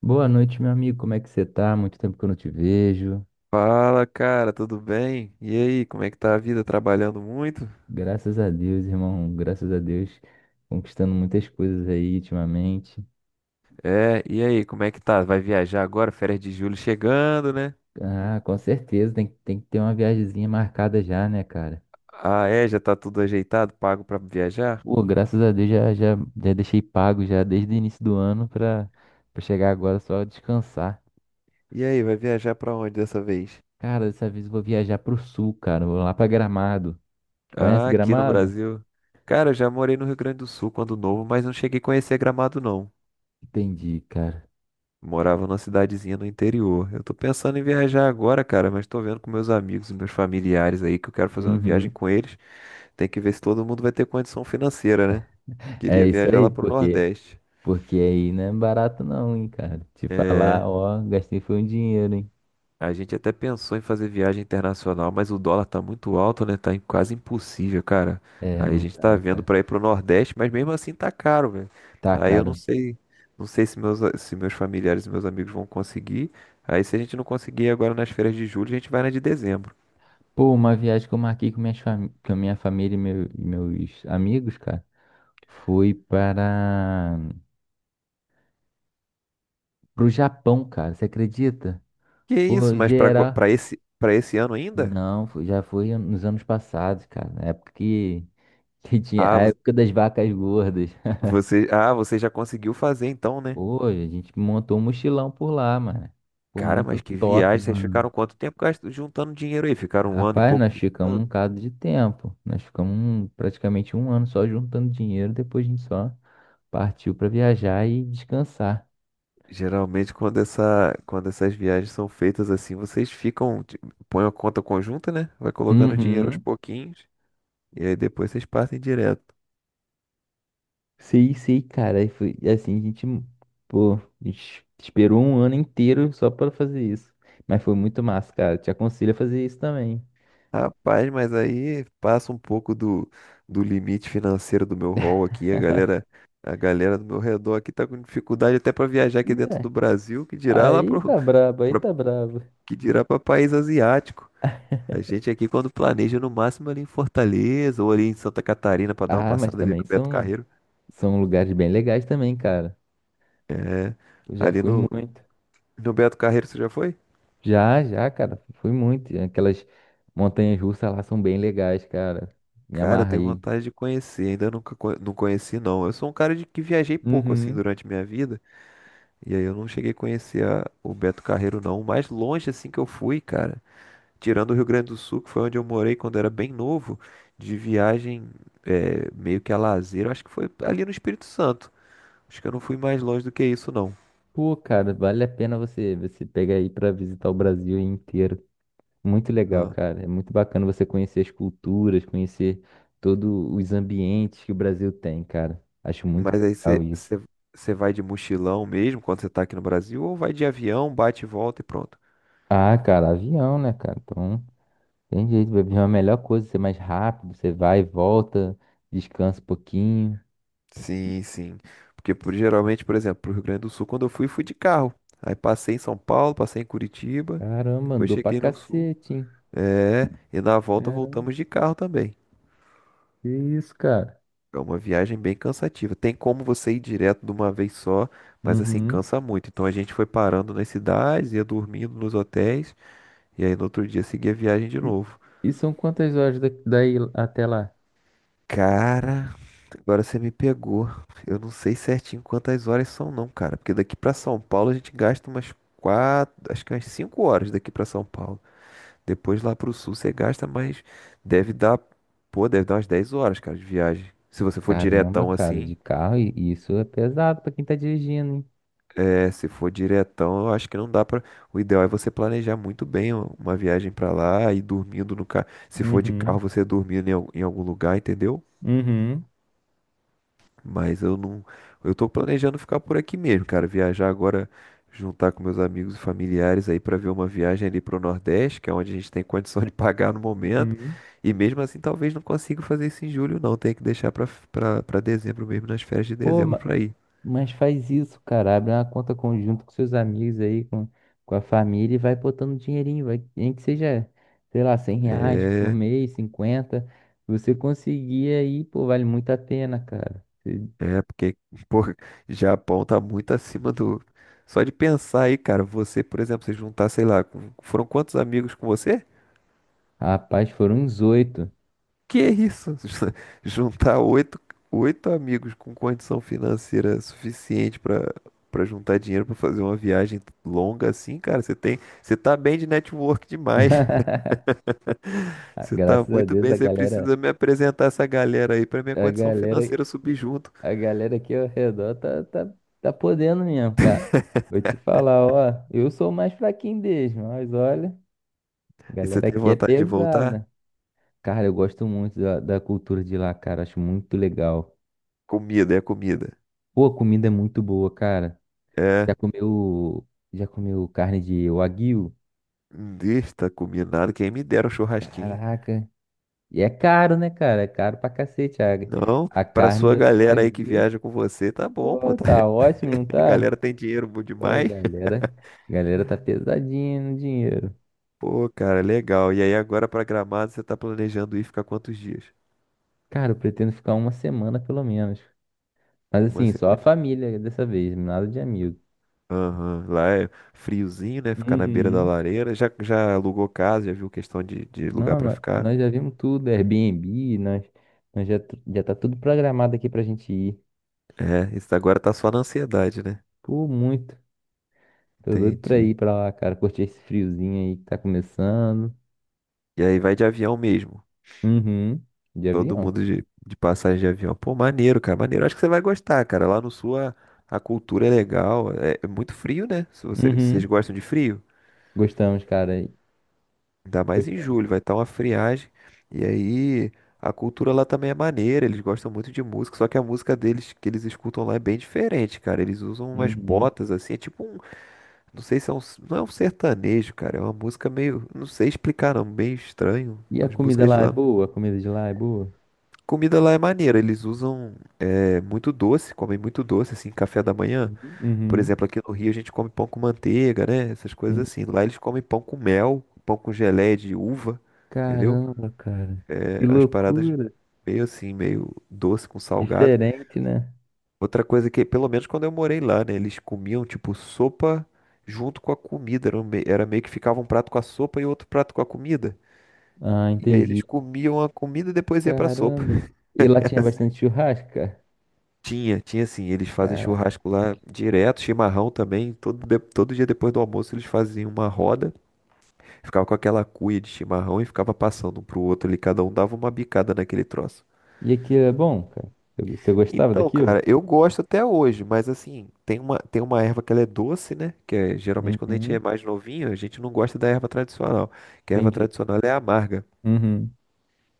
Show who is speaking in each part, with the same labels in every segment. Speaker 1: Boa noite, meu amigo. Como é que você tá? Muito tempo que eu não te vejo.
Speaker 2: Fala, cara, tudo bem? E aí, como é que tá a vida? Trabalhando muito?
Speaker 1: Graças a Deus, irmão. Graças a Deus, conquistando muitas coisas aí ultimamente.
Speaker 2: É, e aí, como é que tá? Vai viajar agora? Férias de julho chegando, né?
Speaker 1: Ah, com certeza, tem que ter uma viagemzinha marcada já, né, cara?
Speaker 2: Ah, é, já tá tudo ajeitado, pago pra viajar?
Speaker 1: Pô, graças a Deus já deixei pago já desde o início do ano pra chegar agora só descansar.
Speaker 2: E aí, vai viajar pra onde dessa vez?
Speaker 1: Cara, dessa vez eu vou viajar pro sul, cara. Vou lá pra Gramado. Conhece
Speaker 2: Ah, aqui no
Speaker 1: Gramado?
Speaker 2: Brasil. Cara, eu já morei no Rio Grande do Sul quando novo, mas não cheguei a conhecer Gramado, não.
Speaker 1: Entendi, cara.
Speaker 2: Morava numa cidadezinha no interior. Eu tô pensando em viajar agora, cara, mas tô vendo com meus amigos, meus familiares aí, que eu quero fazer uma viagem
Speaker 1: Uhum.
Speaker 2: com eles. Tem que ver se todo mundo vai ter condição financeira, né?
Speaker 1: É
Speaker 2: Queria
Speaker 1: isso
Speaker 2: viajar
Speaker 1: aí,
Speaker 2: lá pro
Speaker 1: porque
Speaker 2: Nordeste.
Speaker 1: Aí não é barato não, hein, cara. Te falar, ó, gastei foi um dinheiro, hein.
Speaker 2: A gente até pensou em fazer viagem internacional, mas o dólar tá muito alto, né? Quase impossível, cara.
Speaker 1: É,
Speaker 2: Aí a
Speaker 1: não
Speaker 2: gente tá
Speaker 1: dá,
Speaker 2: vendo
Speaker 1: cara.
Speaker 2: pra ir pro Nordeste, mas mesmo assim tá caro, velho.
Speaker 1: Tá,
Speaker 2: Aí eu não
Speaker 1: cara.
Speaker 2: sei, não sei se meus familiares e meus amigos vão conseguir. Aí se a gente não conseguir agora nas férias de julho, a gente vai na de dezembro.
Speaker 1: Pô, uma viagem que eu marquei com a minha família e, e meus amigos, cara, foi para pro Japão, cara. Você acredita?
Speaker 2: Que
Speaker 1: Pô,
Speaker 2: isso? Mas pra, ago-
Speaker 1: geral.
Speaker 2: pra esse, pra esse ano ainda?
Speaker 1: Não, já foi nos anos passados, cara. Na época que, tinha.
Speaker 2: Ah,
Speaker 1: A
Speaker 2: vo-
Speaker 1: época das vacas gordas.
Speaker 2: ah, você já conseguiu fazer então, né?
Speaker 1: Pô, a gente montou um mochilão por lá, mano. Foi
Speaker 2: Cara,
Speaker 1: muito
Speaker 2: mas que
Speaker 1: top,
Speaker 2: viagem. Vocês
Speaker 1: mano.
Speaker 2: ficaram juntando dinheiro aí? Ficaram um ano e
Speaker 1: Rapaz,
Speaker 2: pouco
Speaker 1: nós ficamos um
Speaker 2: juntando?
Speaker 1: bocado de tempo. Nós ficamos praticamente um ano só juntando dinheiro, depois a gente só partiu pra viajar e descansar.
Speaker 2: Geralmente, quando essas viagens são feitas assim, põem a conta conjunta, né? Vai colocando dinheiro aos
Speaker 1: Uhum.
Speaker 2: pouquinhos e aí depois vocês partem direto.
Speaker 1: Sei, sei, cara. E foi e assim, pô, a gente esperou um ano inteiro só pra fazer isso. Mas foi muito massa, cara. Te aconselho a fazer isso também.
Speaker 2: Rapaz, mas aí passa um pouco do limite financeiro do meu hall aqui. A galera do meu redor aqui tá com dificuldade até para viajar aqui
Speaker 1: E
Speaker 2: dentro
Speaker 1: é,
Speaker 2: do Brasil, que dirá lá
Speaker 1: aí
Speaker 2: pro,
Speaker 1: tá brabo, aí
Speaker 2: pra-
Speaker 1: tá brabo.
Speaker 2: que dirá para país asiático. A gente aqui, quando planeja, no máximo ali em Fortaleza ou ali em Santa Catarina pra dar uma
Speaker 1: Ah, mas
Speaker 2: passada ali
Speaker 1: também
Speaker 2: no Beto
Speaker 1: são,
Speaker 2: Carreiro.
Speaker 1: são lugares bem legais também, cara. Eu já
Speaker 2: Ali
Speaker 1: fui
Speaker 2: no,
Speaker 1: muito.
Speaker 2: no Beto Carreiro, você já foi?
Speaker 1: Já, já, cara, fui muito. Aquelas montanhas russas lá são bem legais, cara. Me
Speaker 2: Cara, eu tenho
Speaker 1: amarrei.
Speaker 2: vontade de conhecer, ainda nunca co- não conheci, não. Eu sou um cara de que viajei pouco assim
Speaker 1: Uhum.
Speaker 2: durante minha vida, e aí eu não cheguei a conhecer o Beto Carreiro, não. O mais longe assim que eu fui, cara, tirando o Rio Grande do Sul, que foi onde eu morei quando era bem novo, de viagem é, meio que a lazer, eu acho que foi ali no Espírito Santo. Acho que eu não fui mais longe do que isso, não.
Speaker 1: Pô, cara, vale a pena você pegar aí pra visitar o Brasil inteiro. Muito legal,
Speaker 2: Ah,
Speaker 1: cara. É muito bacana você conhecer as culturas, conhecer todos os ambientes que o Brasil tem, cara. Acho muito
Speaker 2: Mas aí
Speaker 1: legal
Speaker 2: você
Speaker 1: isso.
Speaker 2: você- você vai de mochilão mesmo quando você tá aqui no Brasil, ou vai de avião, bate e volta e pronto?
Speaker 1: Ah, cara, avião, né, cara? Então, tem jeito, vai vir uma melhor coisa, ser mais rápido, você vai e volta, descansa um pouquinho.
Speaker 2: Sim, sim. Porque geralmente, por exemplo, pro Rio Grande do Sul, quando eu fui, fui de carro. Aí passei em São Paulo, passei em Curitiba,
Speaker 1: Caramba,
Speaker 2: depois
Speaker 1: andou pra
Speaker 2: cheguei no Sul.
Speaker 1: cacete,
Speaker 2: É, e na volta
Speaker 1: hein?
Speaker 2: voltamos de carro também.
Speaker 1: Que isso, cara?
Speaker 2: É uma viagem bem cansativa. Tem como você ir direto de uma vez só, mas assim,
Speaker 1: Uhum.
Speaker 2: cansa muito. Então a gente foi parando nas cidades, ia dormindo nos hotéis, e aí no outro dia seguia a viagem de
Speaker 1: E,
Speaker 2: novo.
Speaker 1: e são quantas horas daí até lá?
Speaker 2: Cara. Agora você me pegou. Eu não sei certinho quantas horas são, não, cara, porque daqui pra São Paulo a gente gasta umas 4, acho que umas 5 horas daqui pra São Paulo. Depois lá pro sul você gasta mais, deve dar, pô, deve dar umas 10 horas, cara, de viagem. Se você for
Speaker 1: Caramba,
Speaker 2: diretão
Speaker 1: cara,
Speaker 2: assim,
Speaker 1: de carro, e isso é pesado pra quem tá dirigindo, hein?
Speaker 2: é, se for diretão, eu acho que não dá pra. O ideal é você planejar muito bem uma viagem pra lá e dormindo no carro. Se for de carro,
Speaker 1: Uhum,
Speaker 2: você dormindo em algum lugar, entendeu?
Speaker 1: uhum,
Speaker 2: Mas eu não. Eu tô planejando ficar por aqui mesmo, cara. Viajar agora, juntar com meus amigos e familiares aí pra ver uma viagem ali pro Nordeste, que é onde a gente tem condição de pagar no momento.
Speaker 1: uhum.
Speaker 2: E mesmo assim, talvez não consiga fazer isso em julho, não. Tem que deixar pra dezembro mesmo, nas férias de
Speaker 1: Pô,
Speaker 2: dezembro pra ir.
Speaker 1: mas faz isso, cara. Abre uma conta conjunta com seus amigos aí, com a família e vai botando dinheirinho, vai, nem que seja, sei lá, 100 reais por
Speaker 2: É,
Speaker 1: mês, 50. Você conseguir aí, pô, vale muito a pena, cara.
Speaker 2: é porque, pô, Japão tá muito acima do. Só de pensar aí, cara, você, por exemplo, se juntar, sei lá, foram quantos amigos com você?
Speaker 1: Rapaz, foram uns oito.
Speaker 2: Que é isso? Juntar oito amigos com condição financeira suficiente para juntar dinheiro para fazer uma viagem longa assim, cara, você tem, você tá bem de network demais.
Speaker 1: Ah,
Speaker 2: Você tá
Speaker 1: graças a
Speaker 2: muito
Speaker 1: Deus,
Speaker 2: bem, você precisa me apresentar essa galera aí para minha
Speaker 1: a
Speaker 2: condição
Speaker 1: galera,
Speaker 2: financeira subir junto.
Speaker 1: a galera aqui ao redor tá podendo mesmo, cara. Vou te falar, ó, eu sou o mais fraquinho deles, mas olha, a
Speaker 2: E você
Speaker 1: galera
Speaker 2: tem
Speaker 1: aqui é
Speaker 2: vontade de voltar?
Speaker 1: pesada. Cara, eu gosto muito da cultura de lá, cara, acho muito legal.
Speaker 2: Comida.
Speaker 1: Pô, a comida é muito boa, cara.
Speaker 2: É,
Speaker 1: Já comeu, já comeu carne de wagyu?
Speaker 2: está combinado, quem me dera um churrasquinho.
Speaker 1: Caraca. E é caro, né, cara? É caro pra cacete a,
Speaker 2: Não,
Speaker 1: a
Speaker 2: para
Speaker 1: carne
Speaker 2: sua
Speaker 1: do
Speaker 2: galera aí que
Speaker 1: wagyu.
Speaker 2: viaja com você, tá bom, pô.
Speaker 1: Pô, tá ótimo, não
Speaker 2: A
Speaker 1: tá?
Speaker 2: galera tem dinheiro bom
Speaker 1: Pô, a
Speaker 2: demais.
Speaker 1: galera, a galera tá pesadinha no dinheiro.
Speaker 2: Pô, cara, legal. E aí agora pra Gramado você tá planejando ir ficar quantos dias?
Speaker 1: Cara, eu pretendo ficar uma semana pelo menos. Mas
Speaker 2: Uma
Speaker 1: assim, só a
Speaker 2: semana.
Speaker 1: família dessa vez, nada de amigo.
Speaker 2: Aham. Lá é friozinho, né? Ficar na beira da
Speaker 1: Uhum.
Speaker 2: lareira. Já, já alugou casa, já viu questão de lugar
Speaker 1: Não,
Speaker 2: pra ficar.
Speaker 1: nós já vimos tudo, Airbnb, já tá tudo programado aqui pra gente ir.
Speaker 2: É, isso agora tá só na ansiedade, né?
Speaker 1: Pô, muito. Tô doido pra
Speaker 2: Entendi.
Speaker 1: ir pra lá, cara, curtir esse friozinho aí que tá começando.
Speaker 2: E aí vai de avião mesmo.
Speaker 1: Uhum. De
Speaker 2: Todo
Speaker 1: avião.
Speaker 2: mundo de passagem de avião. Pô, maneiro, cara, maneiro. Acho que você vai gostar, cara. Lá no sul a cultura é legal. É, é muito frio, né? Se você- Vocês
Speaker 1: Uhum.
Speaker 2: gostam de frio?
Speaker 1: Gostamos, cara.
Speaker 2: Ainda mais em
Speaker 1: Gostamos.
Speaker 2: julho, vai estar uma friagem. E aí a cultura lá também é maneira, eles gostam muito de música, só que a música deles que eles escutam lá é bem diferente, cara. Eles usam umas
Speaker 1: Uhum.
Speaker 2: botas assim, é tipo um, não sei se é um, não é um sertanejo, cara, é uma música meio, não sei explicar, não, bem estranho.
Speaker 1: E a
Speaker 2: As
Speaker 1: comida
Speaker 2: músicas de
Speaker 1: lá é
Speaker 2: lá.
Speaker 1: boa? A comida de lá é boa?
Speaker 2: Comida lá é maneira, eles usam é, muito doce, comem muito doce, assim, café da manhã. Por
Speaker 1: Uhum.
Speaker 2: exemplo, aqui no Rio a gente come pão com manteiga, né? Essas coisas
Speaker 1: Uhum.
Speaker 2: assim. Lá eles comem pão com mel, pão com geleia de uva, entendeu?
Speaker 1: Caramba, cara. Que
Speaker 2: Umas paradas
Speaker 1: loucura.
Speaker 2: meio assim, meio doce com salgado.
Speaker 1: Diferente, né?
Speaker 2: Outra coisa que, pelo menos quando eu morei lá, né, eles comiam tipo sopa junto com a comida. Era meio que ficava um prato com a sopa e outro prato com a comida.
Speaker 1: Ah,
Speaker 2: E aí eles
Speaker 1: entendi.
Speaker 2: comiam a comida e depois ia pra sopa.
Speaker 1: Caramba. E lá tinha bastante churrasco, cara?
Speaker 2: Tinha, tinha assim, eles fazem
Speaker 1: Caraca.
Speaker 2: churrasco lá direto, chimarrão também. Todo dia depois do almoço eles faziam uma roda, ficava com aquela cuia de chimarrão e ficava passando um pro outro ali, cada um dava uma bicada naquele troço.
Speaker 1: E aquilo é bom, cara? Você você gostava
Speaker 2: Então,
Speaker 1: daquilo?
Speaker 2: cara, eu gosto até hoje, mas assim, tem uma erva que ela é doce, né? Que é, geralmente quando a gente é
Speaker 1: Uhum.
Speaker 2: mais novinho, a gente não gosta da erva tradicional, que a erva
Speaker 1: Entendi.
Speaker 2: tradicional é amarga.
Speaker 1: Uhum.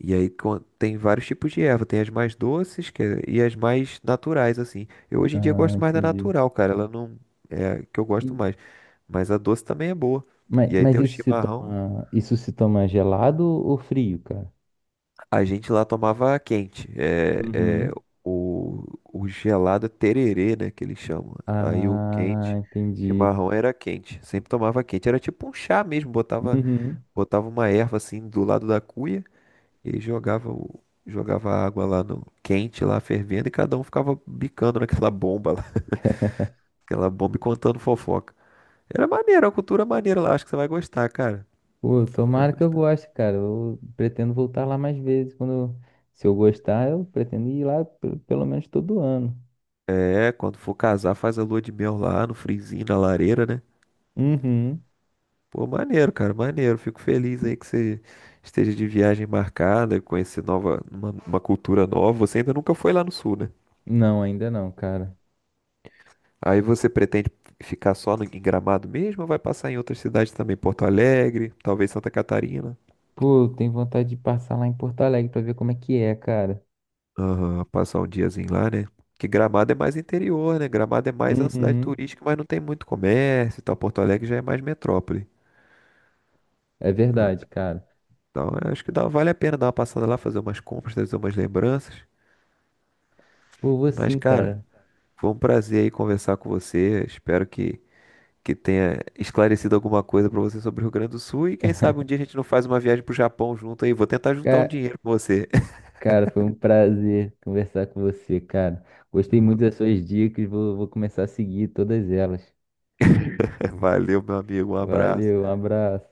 Speaker 2: E aí tem vários tipos de erva, tem as mais doces e as mais naturais, assim. Eu hoje em dia
Speaker 1: Ah,
Speaker 2: gosto mais da
Speaker 1: entendi.
Speaker 2: natural, cara, ela não é a que eu gosto
Speaker 1: E-
Speaker 2: mais, mas a doce também é boa.
Speaker 1: Mas,
Speaker 2: E aí tem o
Speaker 1: isso se
Speaker 2: chimarrão.
Speaker 1: toma, isso se toma gelado ou frio, cara?
Speaker 2: A gente lá tomava quente. É, é,
Speaker 1: Uhum.
Speaker 2: o gelado é tererê, né, que eles chamam. Aí o
Speaker 1: Ah,
Speaker 2: quente,
Speaker 1: entendi.
Speaker 2: chimarrão era quente. Sempre tomava quente. Era tipo um chá mesmo.
Speaker 1: Uhum.
Speaker 2: Botava uma erva assim do lado da cuia e jogava a água lá no quente, lá fervendo, e cada um ficava bicando naquela bomba lá, aquela bomba e contando fofoca. Era maneiro, era uma cultura maneira lá. Acho que você vai gostar, cara.
Speaker 1: Pô,
Speaker 2: Vai
Speaker 1: tomara que eu
Speaker 2: gostar.
Speaker 1: goste, cara. Eu pretendo voltar lá mais vezes. Se eu gostar, eu pretendo ir lá pelo menos todo ano.
Speaker 2: É, quando for casar, faz a lua de mel lá no frizinho, na lareira, né?
Speaker 1: Uhum.
Speaker 2: Pô, maneiro, cara, maneiro. Fico feliz aí que você esteja de viagem marcada, conhecer nova, uma cultura nova. Você ainda nunca foi lá no sul, né?
Speaker 1: Não, ainda não, cara.
Speaker 2: Aí você pretende ficar só no, em Gramado mesmo ou vai passar em outras cidades também? Porto Alegre, talvez Santa Catarina.
Speaker 1: Pô, eu tenho vontade de passar lá em Porto Alegre pra ver como é que é, cara.
Speaker 2: Aham, passar um diazinho lá, né? Que Gramado é mais interior, né? Gramado é mais uma cidade
Speaker 1: Uhum.
Speaker 2: turística, mas não tem muito comércio e tal. Porto Alegre já é mais metrópole.
Speaker 1: É verdade, cara.
Speaker 2: Então, eu acho que dá, vale a pena dar uma passada lá, fazer umas compras, trazer umas lembranças.
Speaker 1: Pô, vou
Speaker 2: Mas,
Speaker 1: sim,
Speaker 2: cara.
Speaker 1: cara.
Speaker 2: Foi um prazer aí conversar com você. Espero que tenha esclarecido alguma coisa para você sobre o Rio Grande do Sul. E quem sabe um dia a gente não faz uma viagem pro Japão junto aí. Vou tentar juntar um
Speaker 1: Ca-
Speaker 2: dinheiro com você.
Speaker 1: Cara, foi um prazer conversar com você, cara. Gostei muito das suas dicas. Vou começar a seguir todas elas.
Speaker 2: Valeu, meu amigo. Um abraço.
Speaker 1: Valeu, um abraço.